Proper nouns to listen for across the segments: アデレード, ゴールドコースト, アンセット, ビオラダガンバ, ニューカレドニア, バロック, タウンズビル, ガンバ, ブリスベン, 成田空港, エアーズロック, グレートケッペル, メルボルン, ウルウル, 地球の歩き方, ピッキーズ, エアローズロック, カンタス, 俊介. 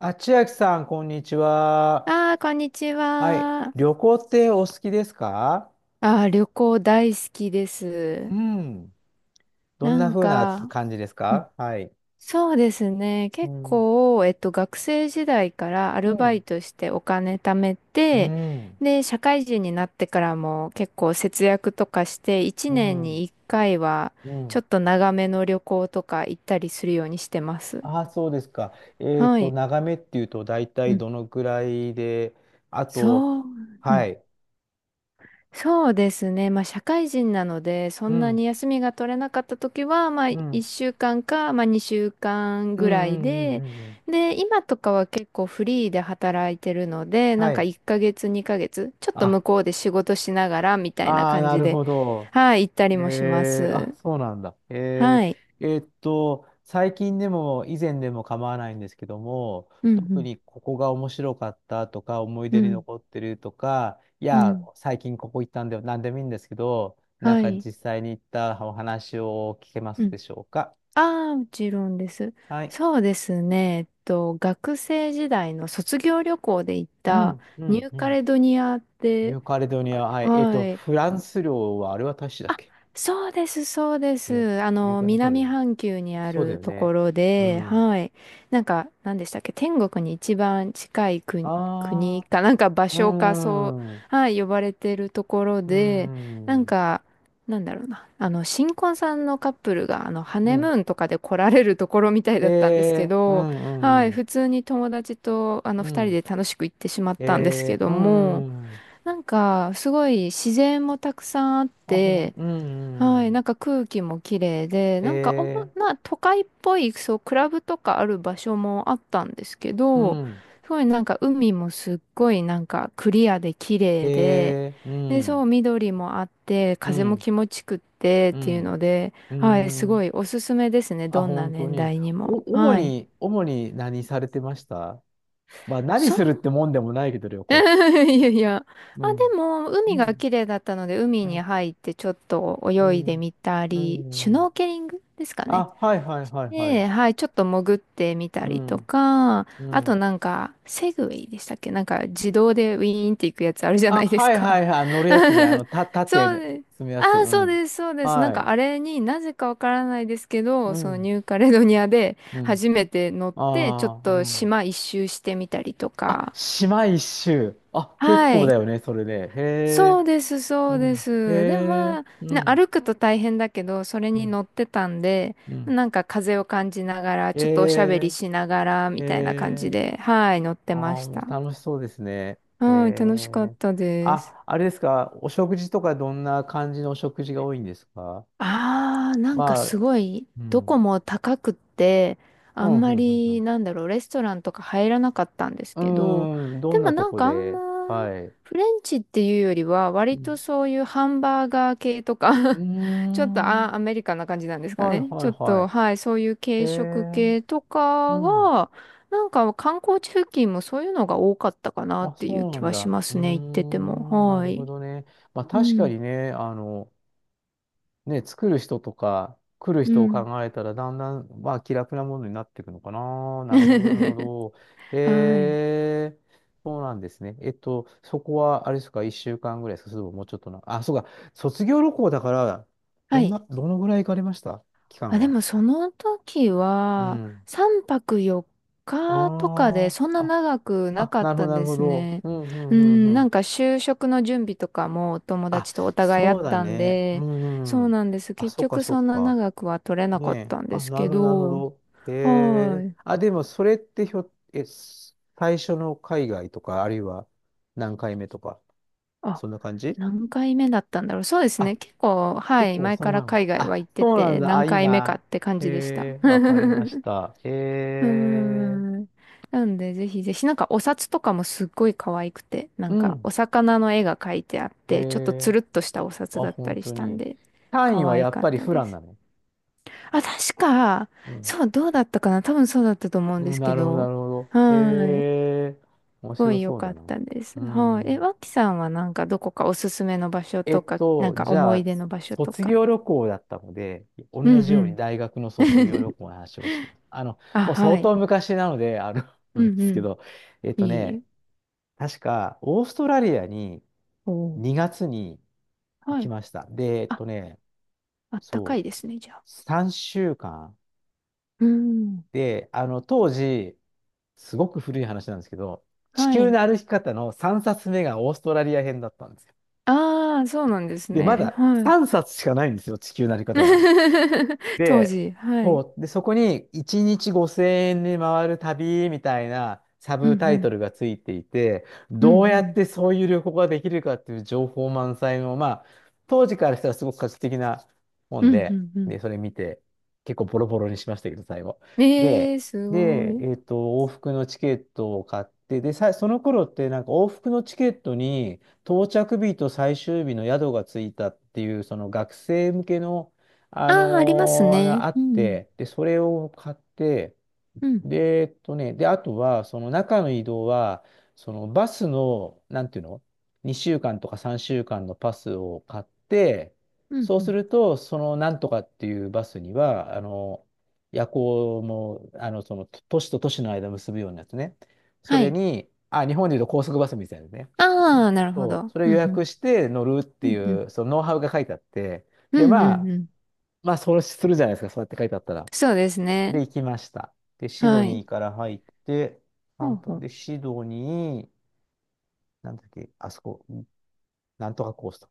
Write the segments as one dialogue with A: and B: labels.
A: あ、千秋さん、こんにちは。
B: ああ、こんにち
A: はい。
B: は。
A: 旅行ってお好きですか？
B: ああ、旅行大好きで
A: う
B: す。
A: ん。どん
B: な
A: な
B: ん
A: 風な
B: か、
A: 感じです
B: うん
A: か？はい。
B: そうですね。
A: う
B: 結
A: ん。
B: 構、学生時代からア
A: う
B: ルバイ
A: ん。
B: トしてお金貯め
A: う
B: て、
A: ん。
B: で、社会人になってからも結構節約とかして、1
A: う
B: 年
A: ん。
B: に1回は、
A: う
B: ちょ
A: ん。
B: っと長めの旅行とか行ったりするようにしてます。
A: ああ、そうですか。
B: はい。
A: 眺めっていうと、大
B: う
A: 体
B: ん
A: どのくらいで、あと、
B: そう。
A: はい。
B: そうですね。まあ、社会人なので、そ
A: う
B: んな
A: ん。
B: に休みが取れなかった時は、まあ、
A: うん。
B: 1週間かんか、まあ、2週間
A: うん。う
B: ぐらい
A: ん。うん。う
B: で、
A: ん。うん。
B: で、今とかは結構フリーで働いてるので、な
A: は
B: んか
A: い。
B: 1ヶ月、2ヶ月、ちょっと
A: あ、
B: 向こうで仕事しながら、みたいな
A: ああ、
B: 感
A: な
B: じ
A: る
B: で、
A: ほど。
B: はい、行ったりもしま
A: あ、
B: す。
A: そうなんだ。
B: はい。
A: 最近でも以前でも構わないんですけども、
B: う
A: 特
B: ん、
A: にここが面白かったとか、思い
B: う
A: 出に
B: ん、
A: 残ってるとか、い
B: うん、う
A: や、
B: ん。
A: 最近ここ行ったんだよ、なんでもいいんですけど、なん
B: は
A: か
B: い。
A: 実際に行ったお話を聞けます
B: う
A: で
B: ん
A: しょうか。
B: ああ、もちろんです。
A: はい。
B: そうですね。学生時代の卒業旅行で行っ
A: う
B: た
A: ん、う
B: ニュ
A: ん、
B: ー
A: う
B: カ
A: ん。
B: レドニアっ
A: ニ
B: て、
A: ューカレドニア、
B: あ
A: はい。
B: はい。
A: フランス領はあれは大使だっ
B: あ
A: け？
B: そうです、そうで
A: ね、
B: す。
A: ニューカレドニア、そうだよ
B: 南
A: ね。
B: 半球にあ
A: そうだ
B: る
A: よ
B: とこ
A: ね。
B: ろ
A: う
B: で、
A: ん。
B: はい。なんか、何でしたっけ、天国に一番近い国、国
A: あ
B: か、なんか場
A: あ、う
B: 所か、そ
A: ん。
B: う、はい、呼ばれてるところ
A: うー
B: で、なん
A: ん。
B: か、なんだろうな、新婚さんのカップルが、ハ
A: う
B: ネム
A: ん。
B: ーンとかで来られるところみたいだったんですけ
A: う
B: ど、
A: ん、う
B: は
A: ん、
B: い、
A: うん。
B: 普通に友達と、
A: う
B: 二人
A: ん。
B: で楽しく行ってしまったんですけど
A: う
B: も、
A: ん。うん。
B: なんか、すごい自然もたくさんあっ
A: あ、ほん、
B: て、
A: うん、
B: は
A: う
B: い、な
A: ん。
B: んか空気も綺麗で、なんかおも
A: え
B: な都会っぽい、そう、クラブとかある場所もあったんですけ
A: う
B: ど、
A: ん。
B: すごいなんか海もすっごいなんかクリアで綺麗で、
A: う
B: で、そ
A: ん。
B: う、緑もあって、
A: う
B: 風も
A: ん。
B: 気持ちくってっ
A: う
B: ていう
A: ん。
B: ので、
A: うー
B: はい、すご
A: ん。
B: いおすすめですね、
A: あ、
B: どんな
A: 本当
B: 年
A: に。
B: 代に
A: お、
B: も。はい。
A: 主に何されてました？まあ、何
B: そう、
A: するってもんでもないけど、旅
B: い
A: 行。
B: やいや。
A: う
B: あ、
A: ん。
B: でも、
A: う
B: 海が
A: ん。
B: 綺麗だったので、海
A: う
B: に
A: ん。
B: 入ってちょっと
A: う
B: 泳いで
A: ん。
B: みた
A: う
B: り、シュノ
A: ん。
B: ーケリングですかね。
A: あ、はいはいはいはい。
B: で、はい、ちょっと潜ってみた
A: う
B: りと
A: ん。
B: か、
A: う
B: あと
A: ん。
B: なんか、セグウェイでしたっけなんか自動でウィーンっていくやつあるじゃな
A: あ、
B: いです
A: はいは
B: か。
A: いはい。乗るやつね。あ の、た、縦
B: そう
A: ね、
B: です。
A: 積むや
B: あ
A: つ。う
B: あ、そう
A: ん。
B: です、そうです。なん
A: は
B: か
A: い。
B: あれになぜかわからないですけど、
A: う
B: その
A: ん。
B: ニューカレドニアで
A: うん。
B: 初めて乗って、ちょっ
A: ああ、う
B: と
A: ん。
B: 島一周してみたりと
A: あ、
B: か。
A: 島一周。あ、結
B: は
A: 構だ
B: い。
A: よね、それで。へ
B: そ
A: え。
B: うです、そ
A: う
B: うで
A: ん。へ
B: す。でもま
A: え。
B: あ、
A: う
B: ね、
A: ん。
B: 歩くと大変だけど、それ
A: う
B: に
A: ん。
B: 乗ってたんで、
A: うん。
B: なんか風を感じながら、
A: へ
B: ちょっとおしゃべり
A: え。
B: しながら、
A: へ
B: みたいな感じ
A: え。
B: で、はい、乗って
A: ああ、
B: まし
A: も
B: た。
A: う楽しそうですね。へ
B: はい、楽しかっ
A: え。
B: たです。
A: あ、あれですか。お食事とかどんな感じのお食事が多いんですか？
B: ああ、なんか
A: ま
B: す
A: あ、
B: ごい、
A: う
B: どこ
A: ん。
B: も高くって、
A: う
B: あ
A: ん、
B: ん
A: う
B: ま
A: ん、うん。う
B: り、
A: ん。
B: なんだろう、レストランとか入らなかったんです
A: う
B: けど、
A: ーん、ど
B: で
A: ん
B: も
A: なと
B: なん
A: こ
B: かあんま、
A: で、はい。
B: フレンチっていうよりは、
A: う
B: 割と
A: ん。
B: そういうハンバーガー系とか
A: うー
B: ちょっと
A: ん。
B: あ、アメリカンな感じなんですか
A: はい
B: ね。
A: は
B: ち
A: い
B: ょっ
A: は
B: と、はい、そういう
A: い。へ
B: 軽食
A: え。
B: 系と
A: う
B: か
A: ん。
B: が、なんか観光地付近もそういうのが多かったかなっ
A: あ、
B: ていう
A: そうな
B: 気
A: ん
B: はし
A: だ。
B: ま
A: う
B: すね、行って
A: ー
B: ても。
A: ん。な
B: は
A: るほ
B: い。
A: どね。まあ
B: う
A: 確か
B: ん、
A: にね、ね、作る人とか、来る
B: う
A: 人を
B: ん。
A: 考えたら、だんだん、まあ、気楽なものになっていくのかな。なるほど、なるほ ど。
B: はい。
A: えー、そうなんですね。そこは、あれですか、1週間ぐらいですか、それとももうちょっとな。あ、そうか、卒業旅行だから、
B: は
A: どん
B: い。
A: な、どのぐらい行かれました？期間
B: あ、で
A: は。
B: もその時
A: う
B: は、
A: ん。
B: 3泊4日とかで、
A: あ
B: そんな
A: あ、あ、
B: 長くな
A: あ、
B: かっ
A: なるほど、
B: た
A: なる
B: で
A: ほ
B: す
A: ど。
B: ね。
A: うん、う
B: う
A: ん、う
B: ん、
A: ん、う
B: な
A: ん。
B: んか就職の準備とかもお友
A: あ、
B: 達とお互いあ
A: そ
B: っ
A: うだ
B: たん
A: ね。う
B: で、そ
A: ん。う
B: う
A: ん。
B: なんです。
A: あ、
B: 結
A: そっか、
B: 局
A: そっ
B: そんな
A: か。
B: 長くは取れな
A: ね
B: かっ
A: え。
B: たんで
A: あ、
B: す
A: な
B: け
A: るほど、なるほ
B: ど、
A: ど。へ
B: は
A: え。
B: い。
A: あ、でも、それってひょ、え、す最初の海外とか、あるいは何回目とか、
B: あ、
A: そんな感じ？
B: 何回目だったんだろう。そうです
A: あ、
B: ね。結構、は
A: 結
B: い。
A: 構
B: 前
A: その
B: から
A: 前も。
B: 海外は行
A: あ、
B: って
A: そうなん
B: て、
A: だ。
B: 何
A: あ、いい
B: 回目かっ
A: な。
B: て感
A: へ
B: じでした。
A: え、わかりまし た。へ
B: うー
A: え。
B: ん。なんで、ぜひぜひ、なんかお札とかもすっごい可愛くて、な
A: う
B: んか
A: ん。
B: お魚の絵が描いてあっ
A: へ
B: て、ちょっとつ
A: え。
B: るっとしたお札
A: あ、
B: だった
A: 本
B: りし
A: 当
B: たん
A: に。
B: で、
A: 単位
B: 可
A: は
B: 愛
A: やっ
B: かっ
A: ぱり
B: た
A: フ
B: で
A: ラン
B: す。
A: なの？
B: あ、確か、
A: うん。
B: そう、どうだったかな多分そうだったと思うんで
A: うん、
B: す
A: な
B: け
A: るほど、な
B: ど、
A: るほど。
B: は
A: へ
B: ーい。す
A: え。面
B: ご
A: 白
B: い良
A: そう
B: か
A: だ
B: っ
A: な。
B: たです。
A: う
B: はい。え、
A: ん。
B: わさんはなんかどこかおすすめの場所とか、なんか
A: じゃ
B: 思い
A: あ、
B: 出の場所と
A: 卒
B: か。
A: 業旅行だったので、同
B: うん
A: じよ
B: う
A: うに
B: ん。
A: 大学の卒業旅 行の話をします。
B: あ、
A: もう
B: は
A: 相
B: い。
A: 当昔なので、あ
B: う
A: れで
B: ん
A: す
B: う
A: け
B: ん。
A: ど、えっと
B: い
A: ね、
B: い。
A: 確か、オーストラリアに
B: おー
A: 2月に行
B: は
A: き
B: い。
A: ました。で、えっ
B: あ
A: とね、
B: あったか
A: そ
B: いですね、じゃあ。
A: う、3週間。
B: うん。
A: で、当時、すごく古い話なんですけど、地
B: は
A: 球
B: い。
A: の歩き方の3冊目がオーストラリア編だったんですよ。
B: ああ、そうなんです
A: で、ま
B: ね。
A: だ
B: はい。
A: 3冊しかないんですよ、地球の歩き方が。
B: 当
A: で、
B: 時、は
A: そ
B: い。
A: う。で、そこに1日5000円で回る旅みたいなサ
B: うん
A: ブタ
B: う
A: イト
B: ん。
A: ルがついていて、
B: う
A: どう
B: ん
A: や
B: う
A: っ
B: ん。
A: てそういう旅行ができるかっていう情報満載の、まあ、当時からしたらすごく画期的な
B: う
A: 本
B: んう
A: で、
B: んう
A: で、それ見て、結構ボロボロにしましたけど、最後。
B: ん。え
A: で、
B: え、すご
A: で、
B: い。
A: 往復のチケットを買って、で、さ、その頃ってなんか往復のチケットに到着日と最終日の宿がついたっていう、その学生向けの
B: ああ、ありますね。
A: あっ
B: うん。
A: て、で、それを買って、
B: うん。
A: で、えっとね、で、あとは、その中の移動は、そのバスの、なんていうの？ 2 週間とか3週間のパスを買って、
B: うん。
A: そう
B: う
A: す
B: ん
A: ると、そのなんとかっていうバスには、夜行も、その都市と都市の間を結ぶようなやつね。そ
B: は
A: れ
B: い。
A: に、あ、日本でいうと高速バスみたいなね。
B: ああ、なるほ
A: そう、
B: ど。
A: それを
B: う
A: 予
B: ん
A: 約して乗るっ
B: う
A: て
B: ん。うんうん。
A: いう、そのノウハウが書いてあって、
B: う
A: で、
B: ん
A: ま
B: うん
A: あ、
B: うん。
A: まあ、そうするじゃないですか、そうやって書いてあったら。
B: そうです
A: で、
B: ね。
A: 行きました。で、シド
B: は
A: ニ
B: い。
A: ーから入って、
B: ほう
A: 散歩
B: ほう。
A: で、シドニー、なんだっけ、あそこ、なんとかコースト。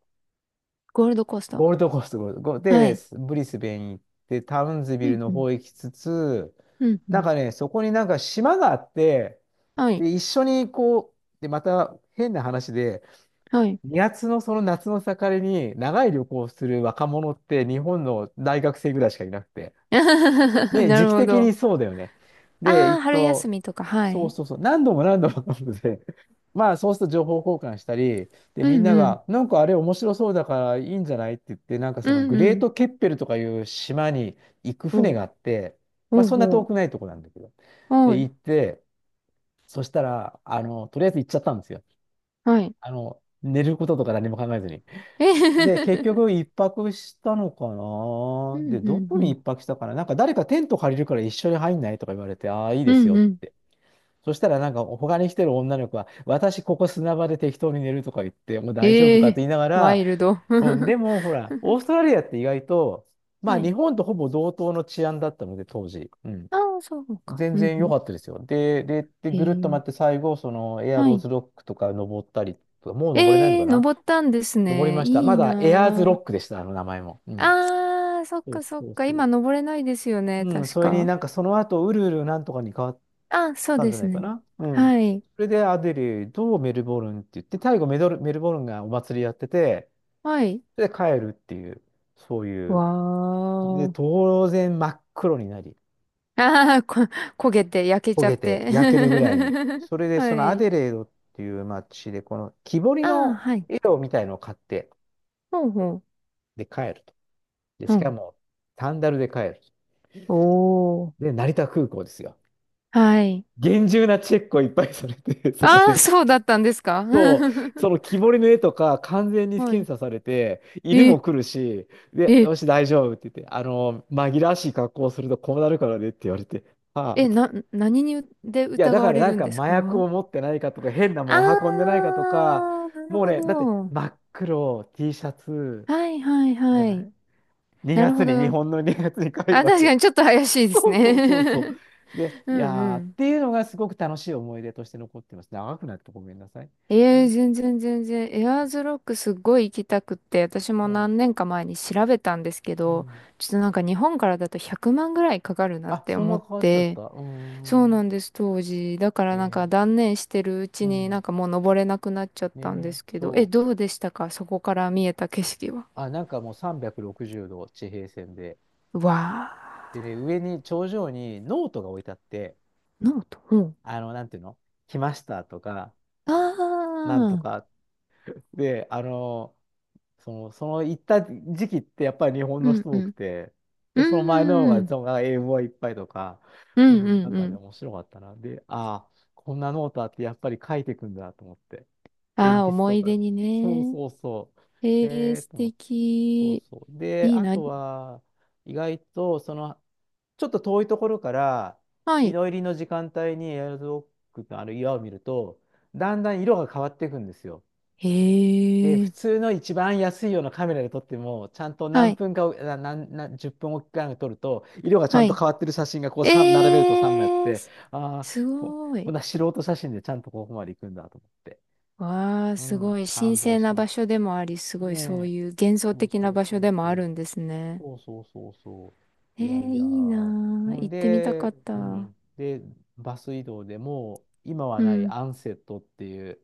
B: ゴールドコースト。
A: ゴールドコースト、ゴールド。ゴー
B: は
A: で、
B: い。
A: ブリスベン行って、タウンズビ
B: う
A: ル
B: ん
A: の
B: うん。
A: 方行きつつ、
B: うんう
A: なん
B: ん。
A: かね、そこになんか島があって、
B: はい。
A: で、一緒にこう、で、また変な話で、
B: はい。
A: 2月のその夏の盛りに長い旅行をする若者って日本の大学生ぐらいしかいなくて、で、
B: な
A: 時
B: る
A: 期
B: ほ
A: 的
B: ど。
A: にそうだよね。で、
B: ああ、春休みとか、はい。
A: そう、何度も何度も飲んで、まあそうすると情報交換したり、で、
B: う
A: みん
B: ん
A: な
B: うん
A: が、なんかあれ面白そうだからいいんじゃないって言って、なんか
B: う
A: そのグ
B: ん
A: レ
B: う
A: ー
B: ん。
A: トケッペルとかいう島に行く船
B: お
A: が
B: う、
A: あって、まあ
B: おう
A: そんな
B: お
A: 遠
B: う。
A: くないとこなんだけど。で、
B: はい、
A: 行って、そしたら、とりあえず行っちゃったんですよ。
B: はい。
A: 寝ることとか何も考えずに。
B: えへへ
A: で、
B: へ
A: 結
B: へ。
A: 局一泊したのか
B: う
A: な。
B: ん
A: で、
B: う
A: ど
B: ん
A: こ
B: う
A: に一
B: ん。
A: 泊したかな。なんか誰かテント借りるから一緒に入んないとか言われて、ああ、いい
B: う
A: です
B: ん
A: よっ
B: うん。
A: て。そしたらなんか他に来てる女の子は、私ここ砂場で適当に寝るとか言って、もう大丈夫か
B: え
A: って
B: え
A: 言いなが
B: ワ
A: ら、
B: イルド。
A: うん、で もほら、オーストラリアって意外と、ま
B: は
A: あ
B: い。
A: 日本とほぼ同等の治安だったので、当時。うん。
B: ああ、そうか。
A: 全
B: うん
A: 然
B: う
A: 良
B: ん。
A: かったですよ。で、で、で、
B: え
A: ぐるっと回って
B: え
A: 最後、そのエア
B: は
A: ロー
B: い。
A: ズロックとか登ったりとか、もう登れないの
B: え
A: か
B: え
A: な？
B: 登ったんです
A: 登り
B: ね。
A: ました。ま
B: いい
A: だエアーズロ
B: な
A: ックでした、あの名前も。う
B: あ。
A: ん。
B: ああ、そっ
A: そう
B: かそっ
A: そう
B: か。
A: そう。
B: 今登れないですよね、
A: うん、
B: 確
A: それに
B: か。
A: なんかその後、ウルウルなんとかに変わっ
B: ああ、そう
A: たん
B: で
A: じゃ
B: す
A: ないか
B: ね。
A: な。うん。
B: はい。
A: それでアデレード、メルボルンって言って、最後メドル、メルボルンがお祭りやってて、
B: はい。
A: で、帰るっていう、そういう。
B: わ
A: で、
B: ー。
A: 当然真っ黒になり、
B: ああ、焦げて、焼け
A: 焦
B: ちゃっ
A: げて
B: て。
A: 焼けるぐらいに。それで、
B: は
A: そのア
B: い。
A: デレードっていう街で、この木彫り
B: ああ、
A: の
B: はい。
A: 絵をみたいのを買って、
B: ほうほう。
A: で、帰ると。で、
B: う
A: しか
B: ん。
A: も、サンダルで帰る。
B: おー。
A: で、成田空港ですよ。
B: はい。
A: 厳重なチェックをいっぱいされて、そこ
B: ああ、
A: で。
B: そうだったんですか？
A: そう、その 木彫りの絵とか完全に
B: は
A: 検
B: い。
A: 査されて、犬
B: え、
A: も来るし、で、
B: え、
A: よし、大丈夫って言って、紛らわしい格好をするとこうなるからねって言われて、ああ、
B: 何にで
A: いや、だ
B: 疑
A: か
B: わ
A: ら
B: れ
A: なん
B: るん
A: か
B: です
A: 麻
B: か？
A: 薬
B: あ
A: を持ってないかとか、変なもん運んでない
B: あ
A: かとか、
B: ー、なる
A: もう
B: ほ
A: ね、だって
B: ど。
A: 真っ黒 T シャツ
B: はいはい
A: じゃ
B: は
A: な
B: い。
A: い？ 2
B: なる
A: 月
B: ほ
A: に、日
B: ど。
A: 本の2月に帰る
B: あ、
A: わ
B: 確か
A: け。
B: にちょっと怪しいです
A: そう
B: ね。
A: そうそうそう。で、
B: う
A: いや
B: んう
A: ーっ
B: ん。
A: ていうのがすごく楽しい思い出として残ってますね。長くなってごめんなさい。う
B: ええ
A: ん。
B: 全然全然。エアーズロックすっごい行きたくって、私も
A: そ
B: 何年か前に調べたんですけ
A: う。う
B: ど、
A: ん、
B: ちょっとなんか日本からだと100万ぐらいかかるなっ
A: あ、
B: て
A: そん
B: 思
A: な
B: っ
A: 変わっちゃっ
B: て、
A: た。う
B: そう
A: ー
B: な
A: ん。
B: んです、当時。だから
A: え
B: なんか
A: ー、
B: 断念してるうち
A: う
B: になん
A: ん。
B: かもう登れなくなっちゃったんで
A: ねえ、
B: すけど、え、
A: そう。
B: どうでしたかそこから見えた景色は？
A: あ、なんかもう360度地平線で。
B: うわ
A: でね、上に、頂上にノートが置いてあって、
B: ーノート。うん。
A: なんていうの？来ましたとか、
B: あ
A: なんと
B: あ、
A: か。で、その行った時期ってやっぱり日本
B: う
A: の
B: ん
A: 人
B: う
A: 多く
B: ん。
A: て、
B: う
A: で、その前の方
B: んう
A: が
B: ん。
A: その英語がいっぱいとか、
B: う
A: う
B: ん
A: ん、
B: う
A: なん
B: んう
A: かね、
B: ん。
A: 面白かったな。で、ああ、こんなノートあってやっぱり書いていくんだと思って。鉛
B: ああ、
A: 筆
B: 思
A: と
B: い
A: か。
B: 出に
A: そう
B: ね。
A: そうそう。
B: ええ
A: ええ
B: 素
A: と思って、そ
B: 敵。
A: うそう。で、
B: いい
A: あ
B: な。
A: とは、意外と、ちょっと遠いところから、
B: は
A: 日
B: い。
A: の入りの時間帯にエアロゾックのあの岩を見ると、だんだん色が変わっていくんですよ。
B: へ
A: で、普
B: え。
A: 通の一番安いようなカメラで撮っても、ちゃんと
B: は
A: 何
B: い。
A: 分かお、な、な、な、10分おきかに撮ると、色がちゃ
B: は
A: んと
B: い。
A: 変わってる写真がこうさん並べる
B: え
A: と3枚あっ
B: ー、
A: て、
B: す
A: ああ、
B: す
A: こ、
B: ご
A: こ
B: い。
A: んな素人写真でちゃんとここまで行くんだと思って。
B: わあ、
A: う
B: すご
A: ん、
B: い。神
A: 感動
B: 聖
A: し
B: な
A: ま
B: 場
A: す。
B: 所でもあり、すごいそ
A: ね
B: う
A: え。
B: いう幻想
A: そう
B: 的な
A: そう
B: 場
A: そ
B: 所
A: う
B: でも
A: そ
B: ある
A: う。
B: んですね。
A: そうそうそうそう。
B: えー、
A: いやい
B: い
A: や。
B: いな
A: う
B: あ。行
A: ん。
B: ってみたか
A: で、
B: った。
A: う
B: う
A: ん。で、バス移動でもう、今はない
B: ん。
A: アンセットっていう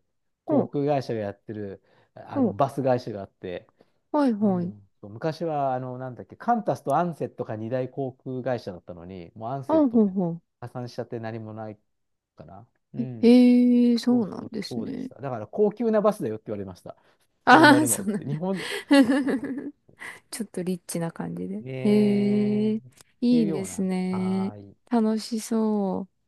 B: ほ
A: 航
B: う、
A: 空会社がやってる、
B: ほう。
A: バス会社があって、
B: はい、
A: う
B: はい。
A: ん、そう昔は、なんだっけ、カンタスとアンセットが二大航空会社だったのに、もうアン
B: あ、
A: セットっ
B: ほう、
A: て
B: ほ
A: 破産しちゃって何もないから。う
B: う。え、
A: ん。
B: ええそ
A: そう
B: う
A: そ
B: なん
A: う、
B: です
A: そうでし
B: ね。
A: た。だから、高級なバスだよって言われました。それ乗
B: あ
A: る
B: あ、
A: の
B: そ
A: っ
B: う
A: つっ
B: なん
A: て。日
B: だ。
A: 本、
B: ちょっとリッチな感じで。
A: ねえ。
B: へえ、
A: ってい
B: い
A: う
B: い
A: よ
B: で
A: う
B: す
A: な。は
B: ね。
A: ーい。
B: 楽しそう。